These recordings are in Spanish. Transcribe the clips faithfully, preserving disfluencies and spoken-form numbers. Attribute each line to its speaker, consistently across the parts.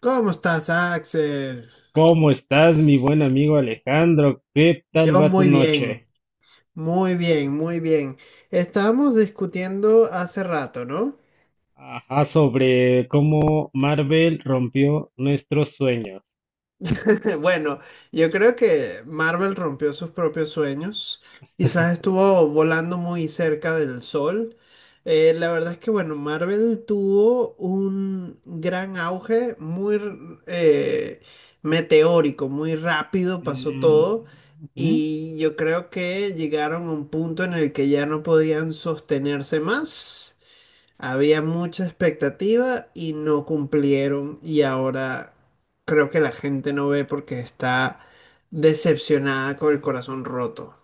Speaker 1: ¿Cómo estás, Axel?
Speaker 2: ¿Cómo estás, mi buen amigo Alejandro? ¿Qué tal
Speaker 1: Yo
Speaker 2: va tu
Speaker 1: muy
Speaker 2: noche?
Speaker 1: bien, muy bien, muy bien. Estábamos discutiendo hace rato, ¿no?
Speaker 2: Ajá, sobre cómo Marvel rompió nuestros sueños.
Speaker 1: Bueno, yo creo que Marvel rompió sus propios sueños. Quizás estuvo volando muy cerca del sol. Eh, la verdad es que, bueno, Marvel tuvo un gran auge, muy eh, meteórico, muy rápido pasó
Speaker 2: Mm,
Speaker 1: todo.
Speaker 2: ujú,
Speaker 1: Y yo creo que llegaron a un punto en el que ya no podían sostenerse más. Había mucha expectativa y no cumplieron, y ahora creo que la gente no ve porque está decepcionada, con el corazón roto.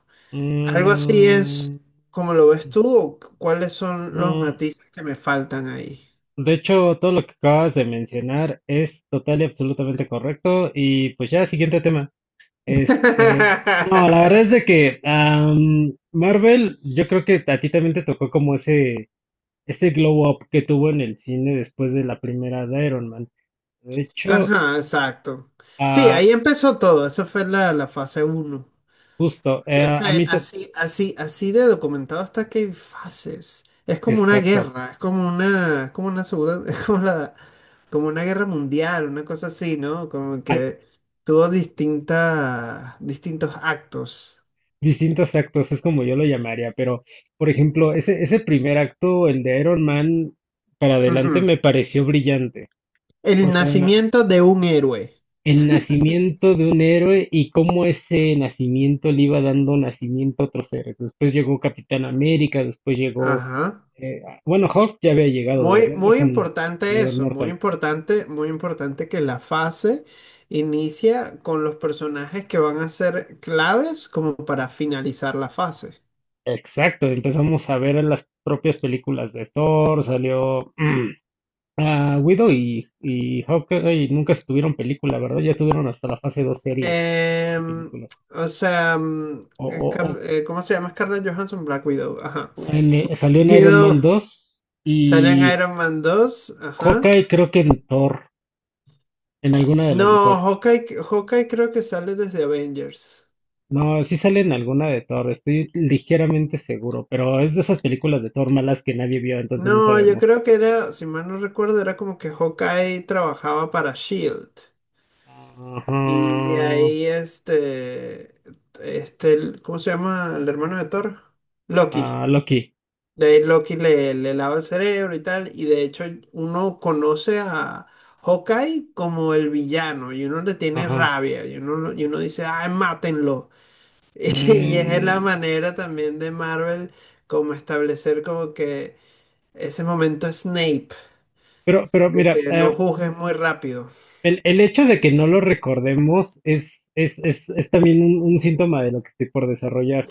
Speaker 1: ¿Algo así es
Speaker 2: mm,
Speaker 1: como lo ves tú o cu- cuáles son los
Speaker 2: mm.
Speaker 1: matices que me faltan ahí?
Speaker 2: De hecho, todo lo que acabas de mencionar es total y absolutamente correcto. Y pues ya, siguiente tema. Este, no, la verdad es de que am, Marvel, yo creo que a ti también te tocó como ese ese glow up que tuvo en el cine después de la primera de Iron Man. De hecho,
Speaker 1: Ajá, exacto. Sí,
Speaker 2: ah,
Speaker 1: ahí empezó todo, esa fue la, la fase uno.
Speaker 2: justo, eh,
Speaker 1: Que, o
Speaker 2: a
Speaker 1: sea,
Speaker 2: mí, te-
Speaker 1: así, así, así de documentado hasta que hay fases. Es como una
Speaker 2: exacto,
Speaker 1: guerra, es como una, es como una segunda, es como la, como una guerra mundial, una cosa así, ¿no? Como
Speaker 2: a-
Speaker 1: que tuvo distintas, distintos actos.
Speaker 2: distintos actos, es como yo lo llamaría, pero, por ejemplo, ese, ese primer acto, el de Iron Man, para adelante
Speaker 1: Ujú.
Speaker 2: me pareció brillante.
Speaker 1: El
Speaker 2: O sea,
Speaker 1: nacimiento de un héroe.
Speaker 2: el nacimiento de un héroe y cómo ese nacimiento le iba dando nacimiento a otros héroes. Después llegó Capitán América, después llegó,
Speaker 1: Ajá.
Speaker 2: eh, bueno, Hulk ya había llegado
Speaker 1: Muy,
Speaker 2: desde antes
Speaker 1: muy
Speaker 2: con
Speaker 1: importante
Speaker 2: Edward
Speaker 1: eso, muy
Speaker 2: Norton.
Speaker 1: importante, muy importante que la fase inicia con los personajes que van a ser claves como para finalizar la fase.
Speaker 2: Exacto, empezamos a ver en las propias películas de Thor, salió mm, ah, Widow y, y Hawkeye nunca estuvieron película, ¿verdad? Ya estuvieron hasta la fase dos series de
Speaker 1: Em,
Speaker 2: película.
Speaker 1: o sea, mm,
Speaker 2: O,
Speaker 1: Scar-
Speaker 2: o-
Speaker 1: eh, ¿cómo se llama? Scarlett Johansson, Black Widow, ajá.
Speaker 2: o en, eh, salió en Iron
Speaker 1: Widow
Speaker 2: Man dos
Speaker 1: sale en
Speaker 2: y
Speaker 1: Iron Man dos, ajá.
Speaker 2: Hawkeye creo que en Thor, en alguna de las de
Speaker 1: No,
Speaker 2: Thor.
Speaker 1: Hawkeye, Hawkeye creo que sale desde Avengers.
Speaker 2: No, sí sale en alguna de Thor, estoy ligeramente seguro, pero es de esas películas de Thor malas que nadie vio, entonces no
Speaker 1: No, yo
Speaker 2: sabemos.
Speaker 1: creo que era, si mal no recuerdo, era como que Hawkeye trabajaba para Shield.
Speaker 2: Ajá,
Speaker 1: Y de ahí este, este, el- ¿cómo se llama? El hermano de Thor. Loki.
Speaker 2: ah, Loki,
Speaker 1: De Loki le, le lava el cerebro y tal, y de hecho uno conoce a Hawkeye como el villano, y uno le tiene
Speaker 2: ajá.
Speaker 1: rabia, y uno, lo- y uno dice, ay, mátenlo. Y es la
Speaker 2: Mm,
Speaker 1: manera también de Marvel como establecer como que ese momento Snape,
Speaker 2: pero, pero
Speaker 1: de
Speaker 2: mira,
Speaker 1: que no
Speaker 2: eh,
Speaker 1: juzgues muy rápido.
Speaker 2: el, el hecho de que no lo recordemos es, es, es, es también un, un síntoma de lo que estoy por desarrollar.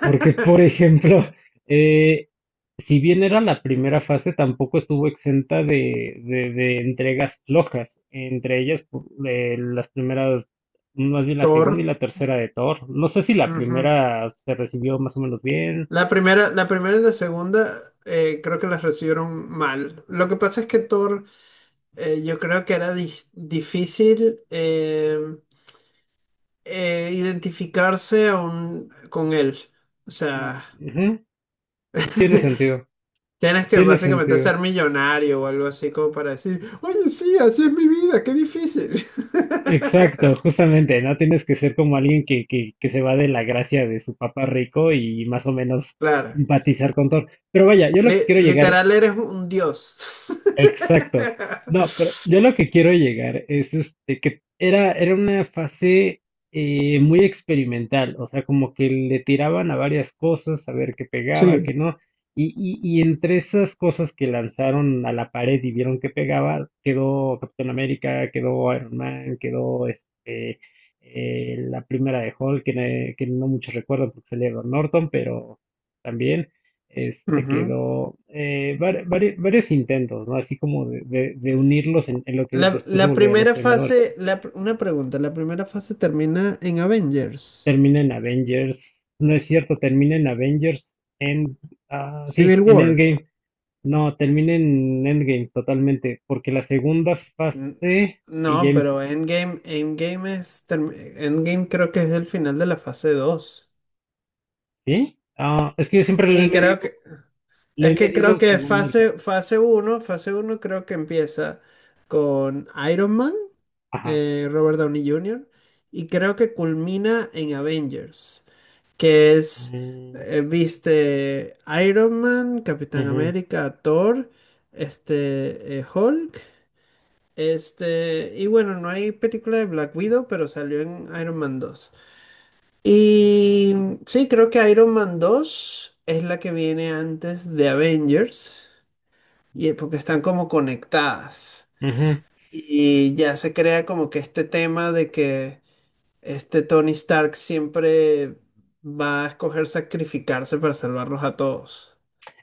Speaker 2: Porque, por ejemplo, eh, si bien era la primera fase, tampoco estuvo exenta de, de, de entregas flojas. Entre ellas, pu- eh, las primeras, más bien la segunda y
Speaker 1: Thor.
Speaker 2: la tercera de Thor. No sé si la
Speaker 1: Ujú.
Speaker 2: primera se recibió más o menos bien.
Speaker 1: La primera, la primera y la segunda eh, creo que las recibieron mal. Lo que pasa es que Thor… Eh, yo creo que era dis- difícil eh, eh, identificarse aún con él. O
Speaker 2: Mm,
Speaker 1: sea,
Speaker 2: ujú. Tiene sentido,
Speaker 1: tienes que
Speaker 2: tiene
Speaker 1: básicamente
Speaker 2: sentido.
Speaker 1: ser millonario o algo así como para decir, oye, sí, así es mi vida, qué difícil.
Speaker 2: Exacto, justamente, no tienes que ser como alguien que, que, que se va de la gracia de su papá rico y más o menos
Speaker 1: Claro,
Speaker 2: empatizar con Thor. Pero vaya, yo lo que
Speaker 1: li-
Speaker 2: quiero llegar.
Speaker 1: literal eres un dios.
Speaker 2: Exacto. No, pero yo lo que quiero llegar es este que era, era una fase eh, muy experimental, o sea, como que le tiraban a varias cosas, a ver qué pegaba, qué
Speaker 1: Sí.
Speaker 2: no, y, y, y entre esas cosas que lanzaron a la pared y vieron que pegaba, quedó Capitán América, quedó Iron Man, quedó este, eh, la primera de Hulk, que, ne- que no muchos recuerdan porque salía Edward Norton, pero también este,
Speaker 1: Ujú.
Speaker 2: quedó eh, var- vari- varios intentos, ¿no? Así como de, de- de unirlos en, en lo que
Speaker 1: La,
Speaker 2: después se
Speaker 1: la
Speaker 2: volvería Los
Speaker 1: primera
Speaker 2: Vengadores.
Speaker 1: fase, la pr- una pregunta, la primera fase termina en Avengers,
Speaker 2: Termina en Avengers, no es cierto, termina en Avengers, en, ah, sí,
Speaker 1: Civil
Speaker 2: en
Speaker 1: War.
Speaker 2: Endgame. No, termina en Endgame totalmente, porque la segunda
Speaker 1: N-
Speaker 2: fase y ya,
Speaker 1: No,
Speaker 2: em-
Speaker 1: pero Endgame, Endgame es, term- Endgame creo que es el final de la fase dos.
Speaker 2: ¿sí? Ah, es que yo siempre lo he
Speaker 1: Sí, creo
Speaker 2: medido,
Speaker 1: que,
Speaker 2: lo
Speaker 1: es
Speaker 2: he
Speaker 1: que creo
Speaker 2: medido
Speaker 1: que
Speaker 2: según el caso.
Speaker 1: fase, fase uno, fase uno creo que empieza con Iron Man,
Speaker 2: Ajá.
Speaker 1: eh, Robert Downey junior, y creo que culmina en Avengers, que es,
Speaker 2: Mm,
Speaker 1: eh, viste, Iron Man, Capitán
Speaker 2: ujú,
Speaker 1: América, Thor, este, eh, Hulk. Este, y bueno, no hay película de Black Widow, pero salió en Iron Man dos. Y sí, creo que Iron Man dos es la que viene antes de Avengers, y porque están como conectadas.
Speaker 2: ujú.
Speaker 1: Y ya se crea como que este tema de que este Tony Stark siempre va a escoger sacrificarse para salvarlos a todos.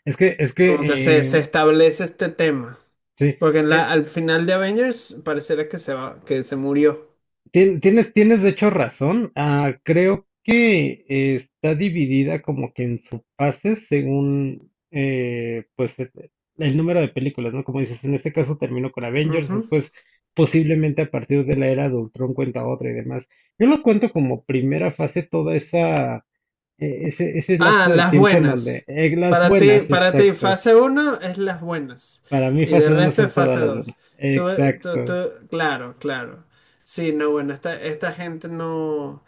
Speaker 2: Es que, es que,
Speaker 1: Como que se, se
Speaker 2: eh,
Speaker 1: establece este tema.
Speaker 2: sí.
Speaker 1: Porque en
Speaker 2: e-
Speaker 1: la- al final de Avengers parecerá que se va, que se murió.
Speaker 2: Tien- Tienes, tienes de hecho razón. Ah, creo que eh, está dividida como que en subfases según eh, pues e- el número de películas, ¿no? Como dices, en este caso terminó con Avengers,
Speaker 1: Ujú.
Speaker 2: después posiblemente a partir de la era de Ultron cuenta otra y demás. Yo lo cuento como primera fase toda esa eh, ese, ese
Speaker 1: Ah,
Speaker 2: lapso de
Speaker 1: las
Speaker 2: tiempo en donde
Speaker 1: buenas.
Speaker 2: eh, las
Speaker 1: Para ti,
Speaker 2: buenas,
Speaker 1: para ti,
Speaker 2: exacto.
Speaker 1: fase uno es las buenas.
Speaker 2: Para mí
Speaker 1: Y de
Speaker 2: fase uno
Speaker 1: resto es
Speaker 2: son todas
Speaker 1: fase
Speaker 2: las buenas.
Speaker 1: dos. Tú- tú- tú-
Speaker 2: Exacto.
Speaker 1: claro, claro. Sí, no, bueno, esta, esta gente no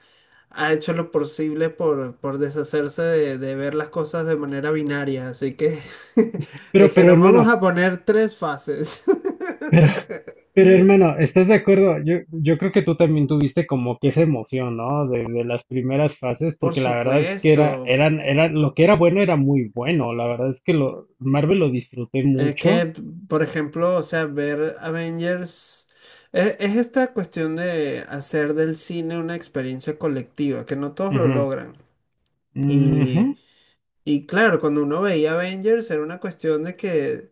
Speaker 1: ha hecho lo posible por, por deshacerse de, de ver las cosas de manera binaria. Así que
Speaker 2: Pero, pero
Speaker 1: dijeron, vamos
Speaker 2: hermano.
Speaker 1: a poner tres fases.
Speaker 2: Pero hermano, ¿estás de acuerdo? Yo, yo creo que tú también tuviste como que esa emoción, ¿no? De, de las primeras fases,
Speaker 1: Por
Speaker 2: porque la verdad es que era,
Speaker 1: supuesto.
Speaker 2: eran, era, lo que era bueno era muy bueno. La verdad es que lo, Marvel lo disfruté
Speaker 1: Es
Speaker 2: mucho.
Speaker 1: que, por ejemplo, o sea, ver Avengers es, es esta cuestión de hacer del cine una experiencia colectiva, que no todos lo
Speaker 2: Ujú,
Speaker 1: logran.
Speaker 2: ujú,
Speaker 1: Y, y claro, cuando uno veía Avengers era una cuestión de que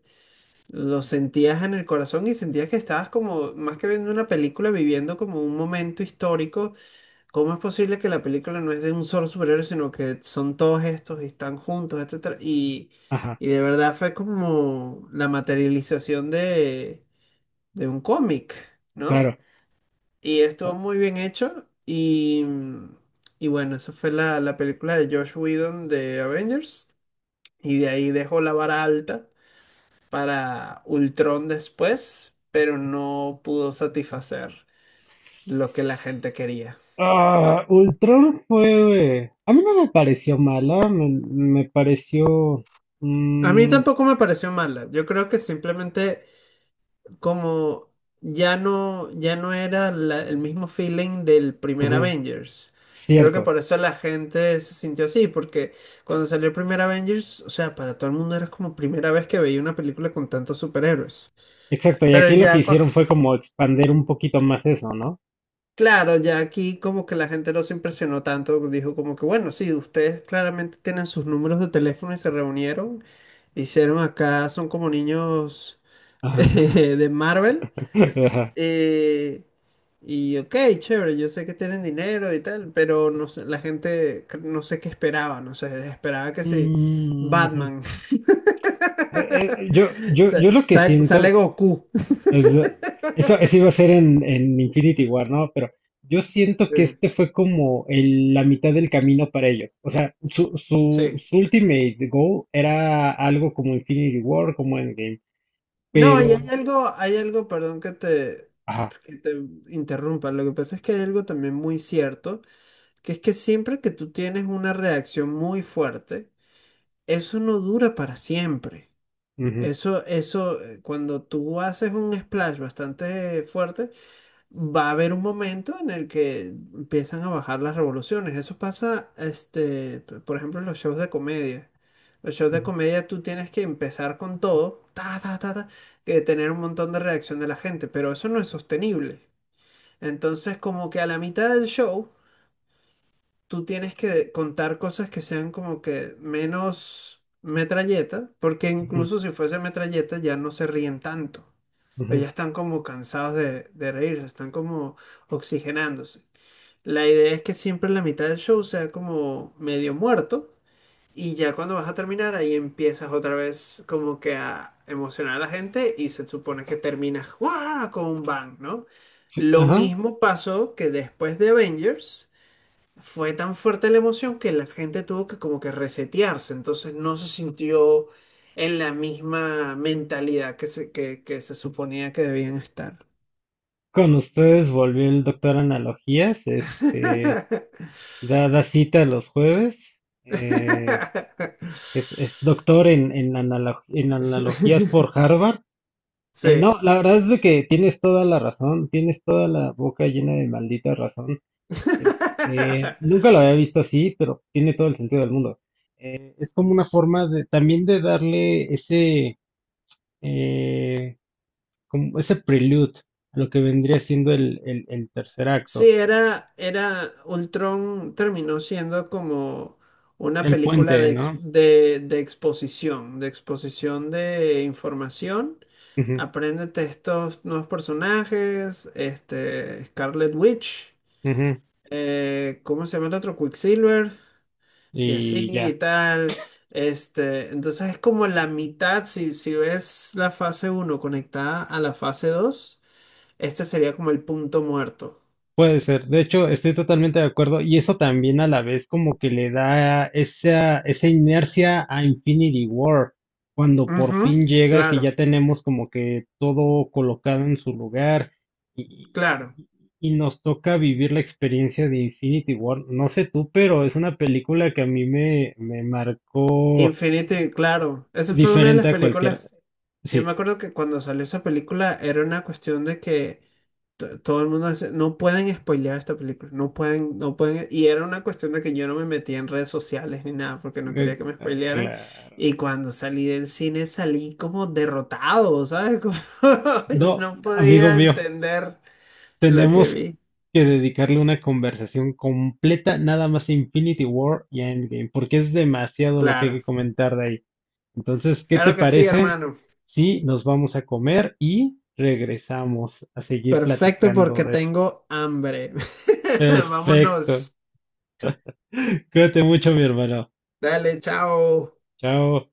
Speaker 1: lo sentías en el corazón y sentías que estabas como, más que viendo una película, viviendo como un momento histórico. ¿Cómo es posible que la película no es de un solo superhéroe, sino que son todos estos y están juntos, etcétera? Y,
Speaker 2: ajá,
Speaker 1: y de verdad fue como la materialización de, de un cómic, ¿no?
Speaker 2: claro.
Speaker 1: Y estuvo muy bien hecho. Y, y bueno, esa fue la, la película de Josh Whedon de Avengers. Y de ahí dejó la vara alta para Ultron después, pero no pudo satisfacer lo que la gente quería.
Speaker 2: Ah, Ultron fue, eh, a mí no me pareció mala, me, me pareció.
Speaker 1: A mí
Speaker 2: Mm,
Speaker 1: tampoco me pareció mala. Yo creo que simplemente como ya no, ya no era la- el mismo feeling del primer
Speaker 2: ujú,
Speaker 1: Avengers. Creo que
Speaker 2: cierto,
Speaker 1: por eso la gente se sintió así, porque cuando salió el primer Avengers, o sea, para todo el mundo era como primera vez que veía una película con tantos superhéroes.
Speaker 2: exacto. Y
Speaker 1: Pero
Speaker 2: aquí lo que
Speaker 1: ya cu-
Speaker 2: hicieron fue como expander un poquito más eso, ¿no?
Speaker 1: claro, ya aquí como que la gente no se impresionó tanto, dijo como que bueno, sí, ustedes claramente tienen sus números de teléfono y se reunieron, hicieron acá, son como niños
Speaker 2: Ajá.
Speaker 1: eh, de Marvel.
Speaker 2: Ajá.
Speaker 1: eh, y ok, chévere, yo sé que tienen dinero y tal, pero no sé, la gente cre- no sé qué esperaba, no sé, esperaba que sí,
Speaker 2: Mm,
Speaker 1: Batman,
Speaker 2: eh, eh, yo, yo,
Speaker 1: sa-
Speaker 2: yo lo que
Speaker 1: sa- sale
Speaker 2: siento
Speaker 1: Goku.
Speaker 2: es, eh, eso, eso, iba a ser en, en Infinity War, ¿no? Pero yo siento
Speaker 1: Sí,
Speaker 2: que este fue como el- la mitad del camino para ellos. O sea, su, su,
Speaker 1: sí.
Speaker 2: su ultimate goal era algo como Infinity War, como Endgame,
Speaker 1: No, y hay
Speaker 2: pero,
Speaker 1: algo, hay algo, perdón que te,
Speaker 2: ajá,
Speaker 1: que te interrumpa. Lo que pasa es que hay algo también muy cierto, que es que siempre que tú tienes una reacción muy fuerte, eso no dura para siempre.
Speaker 2: ujú,
Speaker 1: Eso, eso, eh, cuando tú haces un splash bastante fuerte, va a haber un momento en el que empiezan a bajar las revoluciones. Eso pasa, este, p- por ejemplo, en los shows de comedia. Los shows de
Speaker 2: ujú,
Speaker 1: comedia tú tienes que empezar con todo, ta, ta, ta, ta, que tener un montón de reacción de la gente, pero eso no es sostenible. Entonces, como que a la mitad del show, tú tienes que contar cosas que sean como que menos metralleta, porque
Speaker 2: ujú,
Speaker 1: incluso si fuese metralleta ya no se ríen tanto. Pero
Speaker 2: ujú.
Speaker 1: ya están como cansados de, de reírse, están como oxigenándose. La idea es que siempre la mitad del show sea como medio muerto y ya cuando vas a terminar ahí empiezas otra vez como que a emocionar a la gente y se supone que terminas ¡guau! Con un bang, ¿no?
Speaker 2: Sí,
Speaker 1: Lo
Speaker 2: ajá.
Speaker 1: mismo pasó que después de Avengers fue tan fuerte la emoción que la gente tuvo que como que resetearse, entonces no se sintió en la misma mentalidad que se, que que se suponía que debían estar.
Speaker 2: Con ustedes volvió el doctor Analogías, este, da, da cita los jueves. Eh, es, es doctor en, en, analo- en analogías por Harvard. Eh,
Speaker 1: Sí.
Speaker 2: no, la verdad es de que tienes toda la razón, tienes toda la boca llena de maldita razón. Este, nunca lo había visto así, pero tiene todo el sentido del mundo. Eh, es como una forma de, también de darle ese, eh, como ese prelude a lo que vendría siendo el, el, el tercer
Speaker 1: Sí,
Speaker 2: acto,
Speaker 1: era, era, Ultron terminó siendo como una
Speaker 2: el
Speaker 1: película
Speaker 2: puente,
Speaker 1: de, ex-
Speaker 2: ¿no?
Speaker 1: de, de exposición, de exposición de información.
Speaker 2: Ujú,
Speaker 1: Apréndete estos nuevos personajes, este, Scarlet Witch,
Speaker 2: ujú,
Speaker 1: eh, ¿cómo se llama el otro? Quicksilver. Y así
Speaker 2: y
Speaker 1: y
Speaker 2: ya.
Speaker 1: tal. Este, entonces es como la mitad, si, si ves la fase uno conectada a la fase dos este sería como el punto muerto.
Speaker 2: Puede ser, de hecho, estoy totalmente de acuerdo y eso también a la vez como que le da esa, esa inercia a Infinity War, cuando por fin
Speaker 1: Ujú,
Speaker 2: llega, que
Speaker 1: claro,
Speaker 2: ya tenemos como que todo colocado en su lugar y,
Speaker 1: claro.
Speaker 2: y- y nos toca vivir la experiencia de Infinity War. No sé tú, pero es una película que a mí me, me marcó
Speaker 1: Infinity, claro. Esa fue una de
Speaker 2: diferente
Speaker 1: las
Speaker 2: a cualquier...
Speaker 1: películas. Yo me
Speaker 2: Sí,
Speaker 1: acuerdo que cuando salió esa película era una cuestión de que to- todo el mundo hace, no pueden spoilear esta película, no pueden, no pueden, y era una cuestión de que yo no me metía en redes sociales ni nada, porque no
Speaker 2: eh,
Speaker 1: quería que me
Speaker 2: ah,
Speaker 1: spoilearan,
Speaker 2: claro.
Speaker 1: y cuando salí del cine salí como derrotado, ¿sabes? Como, yo
Speaker 2: No,
Speaker 1: no
Speaker 2: amigo
Speaker 1: podía
Speaker 2: mío.
Speaker 1: entender lo que
Speaker 2: Tenemos
Speaker 1: vi.
Speaker 2: que dedicarle una conversación completa nada más a Infinity War y a Endgame, porque es demasiado lo que hay que
Speaker 1: Claro,
Speaker 2: comentar de ahí. Entonces, ¿qué te
Speaker 1: claro que sí,
Speaker 2: parece
Speaker 1: hermano.
Speaker 2: si nos vamos a comer y regresamos a seguir
Speaker 1: Perfecto
Speaker 2: platicando
Speaker 1: porque
Speaker 2: de esto?
Speaker 1: tengo hambre.
Speaker 2: Perfecto.
Speaker 1: Vámonos.
Speaker 2: Cuídate mucho, mi hermano.
Speaker 1: Dale, chao.
Speaker 2: Chao.